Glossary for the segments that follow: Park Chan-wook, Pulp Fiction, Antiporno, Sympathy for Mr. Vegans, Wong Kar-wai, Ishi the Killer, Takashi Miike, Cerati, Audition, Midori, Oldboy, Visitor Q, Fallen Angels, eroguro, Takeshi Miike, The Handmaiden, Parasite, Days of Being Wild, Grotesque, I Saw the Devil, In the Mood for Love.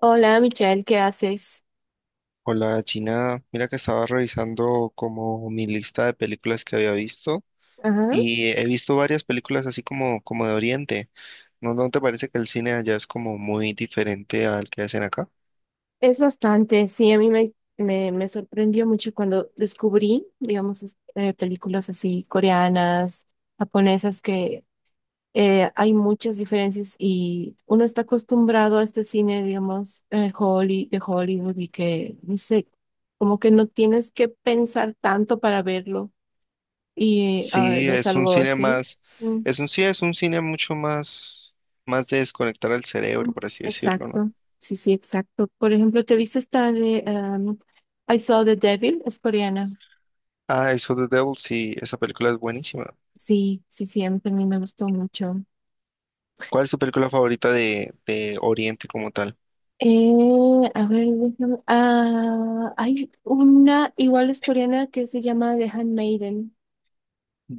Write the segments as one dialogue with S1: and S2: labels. S1: Hola, Michelle, ¿qué haces?
S2: Hola Gina, mira que estaba revisando como mi lista de películas que había visto
S1: Ajá,
S2: y he visto varias películas así como, como de Oriente. ¿No te parece que el cine allá es como muy diferente al que hacen acá?
S1: es bastante, sí, a mí me sorprendió mucho cuando descubrí, digamos, películas así coreanas, japonesas, que hay muchas diferencias y uno está acostumbrado a este cine, digamos, de Hollywood y que, no sé, como que no tienes que pensar tanto para verlo y
S2: Sí,
S1: ves
S2: es un
S1: algo
S2: cine
S1: así.
S2: más, es un sí, es un cine mucho más, más de desconectar el
S1: Mm.
S2: cerebro, por así decirlo, ¿no?
S1: Exacto, sí, sí, exacto. Por ejemplo, ¿te viste esta de I Saw the Devil? Es coreana.
S2: Ah, eso The Devil, sí, esa película es buenísima.
S1: Sí, sí, sí, a mí también me gustó mucho.
S2: ¿Cuál es tu película favorita de Oriente como tal?
S1: A ver, déjame. Ah, hay una igual es coreana que se llama The Handmaiden.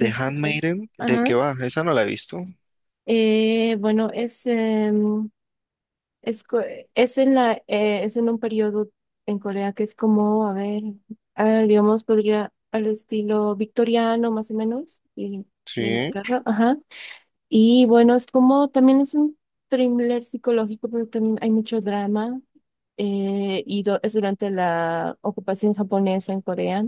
S1: No sé si la-
S2: Handmaiden, ¿de
S1: ajá.
S2: qué va? Esa no la he visto.
S1: Bueno, Es, co- es en es en un periodo en Corea que es como, a ver, ah, digamos, podría al estilo victoriano más o menos, y de
S2: Sí,
S1: Inglaterra, ajá. Y bueno, es como, también es un thriller psicológico, pero también hay mucho drama, es durante la ocupación japonesa en Corea.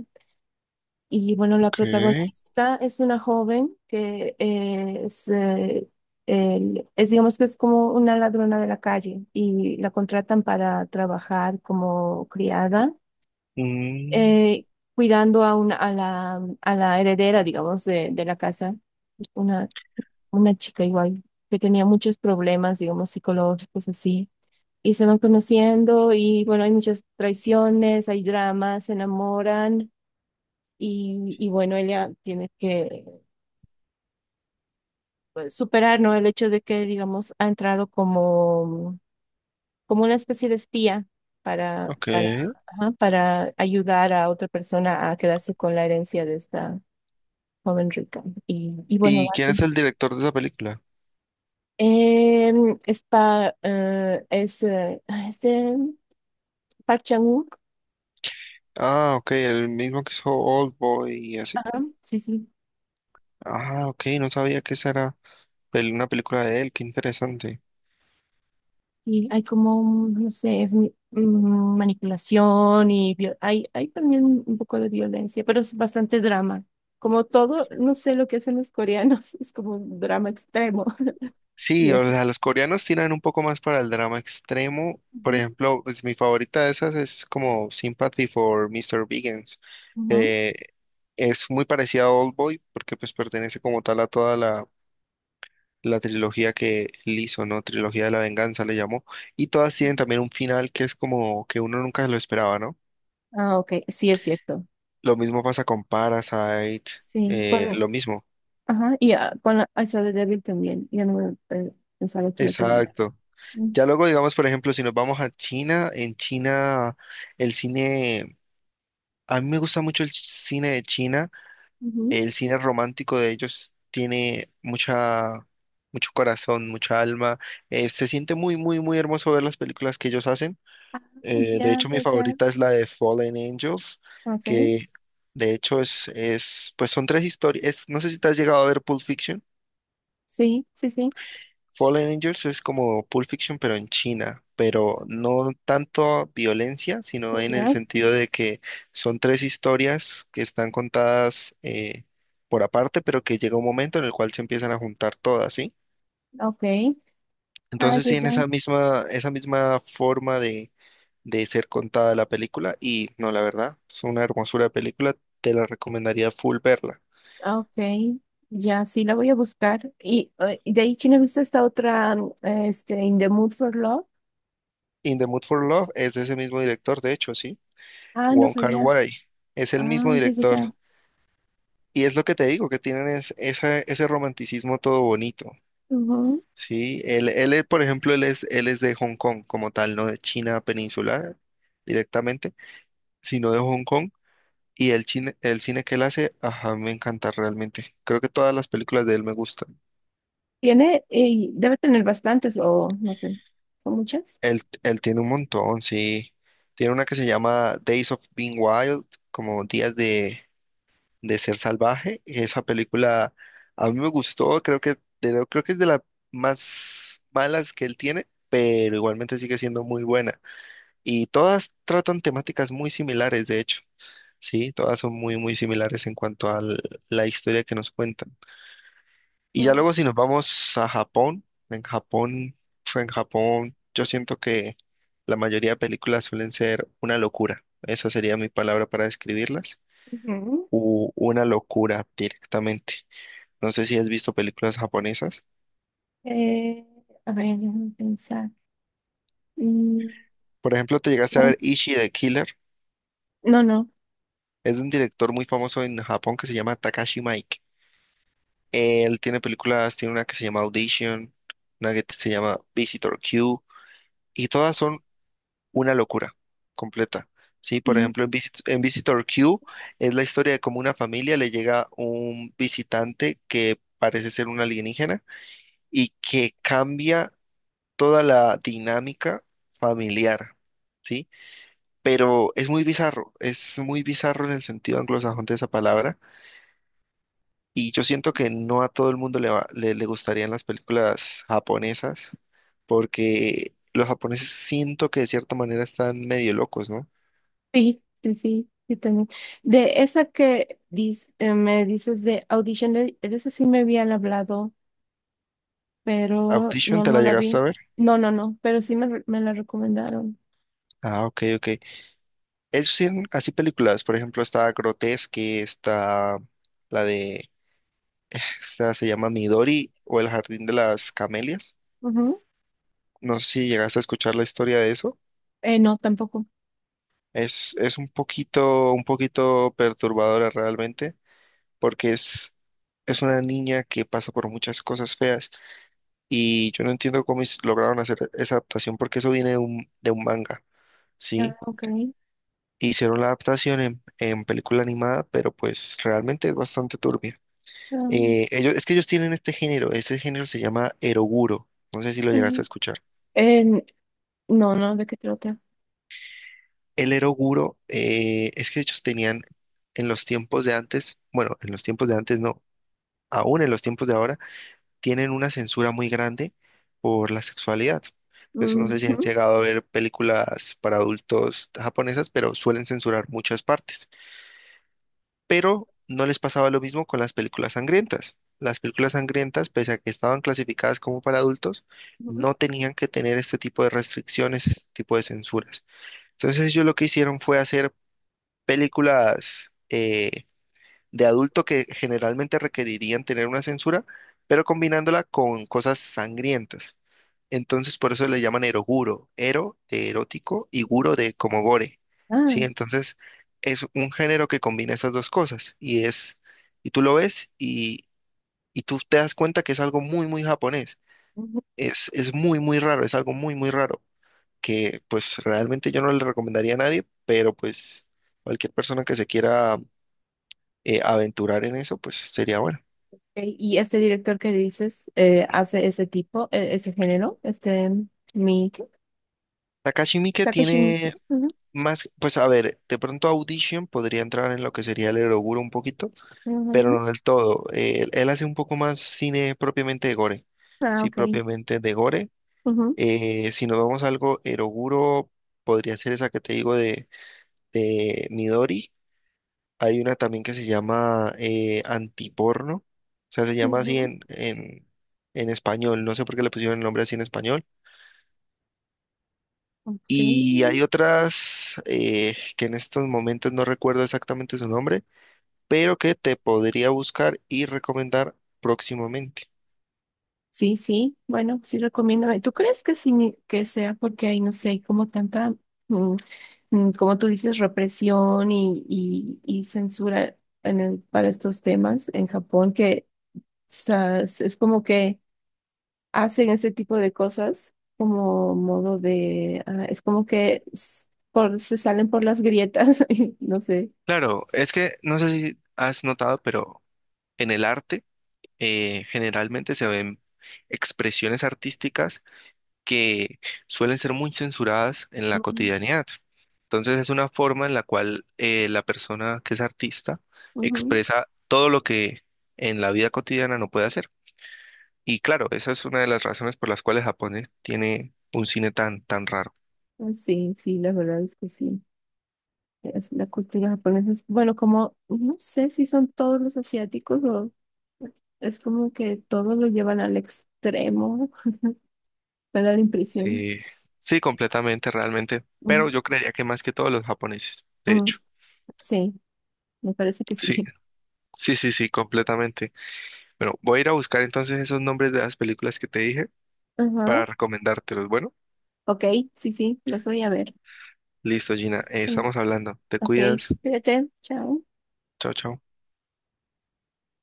S1: Y bueno, la
S2: ok.
S1: protagonista es una joven que es, digamos que es como una ladrona de la calle y la contratan para trabajar como criada,
S2: Mm,
S1: eh, cuidando a la heredera, digamos, de la casa, una, una chica igual que tenía muchos problemas, digamos, psicológicos así. Y se van conociendo y bueno, hay muchas traiciones, hay dramas, se enamoran. Y bueno, ella tiene que pues, superar, ¿no? El hecho de que, digamos, ha entrado como, como una especie de espía para,
S2: ok.
S1: para, ajá, para ayudar a otra persona a quedarse con la herencia de esta joven rica. Y bueno,
S2: ¿Y quién
S1: así.
S2: es el director de esa película?
S1: Em, es, pa, es este, Park Chan-wook,
S2: Ah, ok, el mismo que hizo Oldboy y así.
S1: ajá, sí, sí.
S2: Ah, ok, no sabía que esa era una película de él, qué interesante.
S1: Sí, hay como, un, no sé, manipulación y hay, hay también un poco de violencia, pero es bastante drama. Como todo, no sé lo que hacen los coreanos, es como un drama extremo. Y
S2: Sí, o
S1: así.
S2: sea, los coreanos tiran un poco más para el drama extremo. Por
S1: Ujú,
S2: ejemplo, pues, mi favorita de esas es como Sympathy for Mr. Vegans.
S1: ujú.
S2: Eh, es muy parecida a Oldboy porque pues pertenece como tal a toda la la trilogía que él hizo, ¿no? Trilogía de la venganza le llamó. Y todas tienen
S1: Sí.
S2: también un final que es como que uno nunca lo esperaba, ¿no?
S1: Ah, ok, sí es cierto.
S2: Lo mismo pasa con Parasite,
S1: Sí. Con,
S2: lo mismo.
S1: ajá, y ah, con la, esa de Devil también, ya no me pe- pensaba que iba a terminar.
S2: Exacto.
S1: Mm,
S2: Ya luego, digamos, por ejemplo, si nos vamos a China, en China el cine, a mí me gusta mucho el cine de China,
S1: ujú.
S2: el cine romántico de ellos tiene mucha, mucho corazón, mucha alma, se siente muy, muy, muy hermoso ver las películas que ellos hacen.
S1: Ah,
S2: De
S1: ya,
S2: hecho, mi
S1: ya, ya.
S2: favorita es la de Fallen Angels,
S1: Ok,
S2: que de hecho es pues son tres historias. No sé si te has llegado a ver Pulp Fiction.
S1: sí, sí, sí,
S2: Fallen Angels es como Pulp Fiction, pero en China, pero no tanto violencia, sino en el
S1: ya,
S2: sentido de que son tres historias que están contadas por aparte, pero que llega un momento en el cual se empiezan a juntar todas, ¿sí?
S1: ok. Ah,
S2: Entonces
S1: ya,
S2: sí en
S1: ya.
S2: esa misma forma de ser contada la película y no, la verdad, es una hermosura de película, te la recomendaría full verla.
S1: Ah, ok, ya sí la voy a buscar. Y de ahí, China, ¿viste esta otra, In the Mood for Love?
S2: In the Mood for Love es de ese mismo director, de hecho, sí,
S1: Ah, no
S2: Wong
S1: sabía.
S2: Kar-wai, es el mismo
S1: Ah, ya, ya,
S2: director.
S1: ya.
S2: Y es lo que te digo, que tienen es, ese romanticismo todo bonito,
S1: Ujú.
S2: ¿sí? Él, por ejemplo, él es de Hong Kong como tal, no de China peninsular directamente, sino de Hong Kong. Y el cine que él hace, ajá, me encanta realmente. Creo que todas las películas de él me gustan.
S1: Tiene, debe tener bastantes o no sé, ¿son muchas?
S2: Él tiene un montón, sí. Tiene una que se llama Days of Being Wild, como Días de Ser Salvaje. Esa película a mí me gustó, creo que, creo que es de las más malas que él tiene, pero igualmente sigue siendo muy buena. Y todas tratan temáticas muy similares, de hecho. Sí, todas son muy, muy similares en cuanto a la historia que nos cuentan. Y ya
S1: No.
S2: luego si nos vamos a Japón, en Japón, fue en Japón, yo siento que la mayoría de películas suelen ser una locura. Esa sería mi palabra para describirlas.
S1: Ujú.
S2: U una locura directamente. No sé si has visto películas japonesas.
S1: Eh, a ver, déjame pensar. Mm,
S2: Por ejemplo, te llegaste a
S1: no,
S2: ver Ishi the Killer.
S1: no, no,
S2: Es de un director muy famoso en Japón que se llama Takashi Miike. Él tiene películas, tiene una que se llama Audition, una que se llama Visitor Q, y todas son una locura completa. Sí, por
S1: sí,
S2: ejemplo, en Visitor Q es la historia de cómo una familia le llega un visitante que parece ser un alienígena y que cambia toda la dinámica familiar, ¿sí? Pero es muy bizarro en el sentido anglosajón de esa palabra y yo siento que no a todo el mundo le gustarían las películas japonesas porque los japoneses siento que de cierta manera están medio locos, no.
S1: sí, sí, sí, sí tenía. De esa que dis- me dices de Audition, de esa sí me habían hablado, pero
S2: Audition,
S1: no,
S2: ¿te
S1: no
S2: la
S1: la
S2: llegaste a
S1: vi.
S2: ver?
S1: No, no, no, pero sí me la recomendaron.
S2: Ah, ok, ok. Es sí, así películas, por ejemplo, está Grotesque, está la de, esta se llama Midori o El Jardín de las Camelias.
S1: Ujú.
S2: No sé si llegaste a escuchar la historia de eso.
S1: No, tampoco.
S2: Es un poquito perturbadora realmente, porque es una niña que pasa por muchas cosas feas y yo no entiendo cómo lograron hacer esa adaptación porque eso viene de un manga,
S1: Ah,
S2: ¿sí?
S1: ok.
S2: Hicieron la adaptación en película animada, pero pues realmente es bastante turbia.
S1: Ah,
S2: Ellos, es que ellos tienen este género, ese género se llama eroguro, no sé si lo llegaste a
S1: ujú.
S2: escuchar.
S1: En no, no, ¿de qué trata?
S2: El eroguro es que ellos tenían en los tiempos de antes, bueno, en los tiempos de antes no, aún en los tiempos de ahora, tienen una censura muy grande por la sexualidad. Entonces, no
S1: Ujú,
S2: sé si has llegado a ver películas para adultos japonesas, pero suelen censurar muchas partes. Pero no les pasaba lo mismo con las películas sangrientas. Las películas sangrientas, pese a que estaban clasificadas como para adultos,
S1: ujú.
S2: no tenían que tener este tipo de restricciones, este tipo de censuras. Entonces ellos lo que hicieron fue hacer películas de adulto que generalmente requerirían tener una censura, pero combinándola con cosas sangrientas. Entonces, por eso le llaman eroguro, ero de erótico y guro de como gore. Sí,
S1: Ah,
S2: entonces es un género que combina esas dos cosas y es y tú lo ves y tú te das cuenta que es algo muy muy japonés.
S1: ujú.
S2: Es muy muy raro, es algo muy muy raro que pues realmente yo no le recomendaría a nadie, pero pues cualquier persona que se quiera aventurar en eso, pues sería bueno.
S1: Ok. Y este director que dices hace ese tipo, ese género, este mi ¿qué?
S2: Takashi Miike
S1: Takeshi Miike.
S2: tiene
S1: Ujú,
S2: más, pues a ver, de pronto Audition podría entrar en lo que sería el Eroguro un poquito, pero
S1: ujú.
S2: no del todo. Él, él hace un poco más cine propiamente de gore,
S1: Ah,
S2: sí,
S1: ok.
S2: propiamente de gore.
S1: Ujú,
S2: Si nos vamos a algo, Eroguro podría ser esa que te digo de Midori. Hay una también que se llama Antiporno, o sea, se llama así
S1: ujú.
S2: en español, no sé por qué le pusieron el nombre así en español.
S1: Ok.
S2: Y hay otras que en estos momentos no recuerdo exactamente su nombre, pero que te podría buscar y recomendar próximamente.
S1: Sí, sí, bueno, sí recomiendo. ¿Tú crees que sí, que sea porque hay, no sé, como tanta, mm, mm, como tú dices, represión y censura para estos temas en Japón, que o sea, es como que hacen ese tipo de cosas como modo de, ah, es como que s- por, se salen por las grietas, no sé.
S2: Claro, es que no sé si has notado, pero en el arte generalmente se ven expresiones artísticas que suelen ser muy censuradas en la
S1: Ujú,
S2: cotidianidad. Entonces es una forma en la cual la persona que es artista
S1: ujú.
S2: expresa todo lo que en la vida cotidiana no puede hacer. Y claro, esa es una de las razones por las cuales Japón tiene un cine tan, tan raro.
S1: Ah, sí, sí, la verdad es que sí. Es la cultura japonesa es, bueno, como no sé si son todos los asiáticos o es como que todos lo llevan al extremo, me da la impresión.
S2: Sí, sí, completamente, realmente.
S1: Mm,
S2: Pero yo creería que más que todos los japoneses, de
S1: mm,
S2: hecho.
S1: sí, me parece que sí.
S2: Sí, sí, sí, sí, completamente. Bueno, voy a ir a buscar entonces esos nombres de las películas que te dije para
S1: Ajá,
S2: recomendártelos. Bueno,
S1: ok, sí, sí, lo voy a ver.
S2: listo, Gina,
S1: Sí,
S2: estamos hablando. Te
S1: ok,
S2: cuidas.
S1: cuídate, chao.
S2: Chao, chao.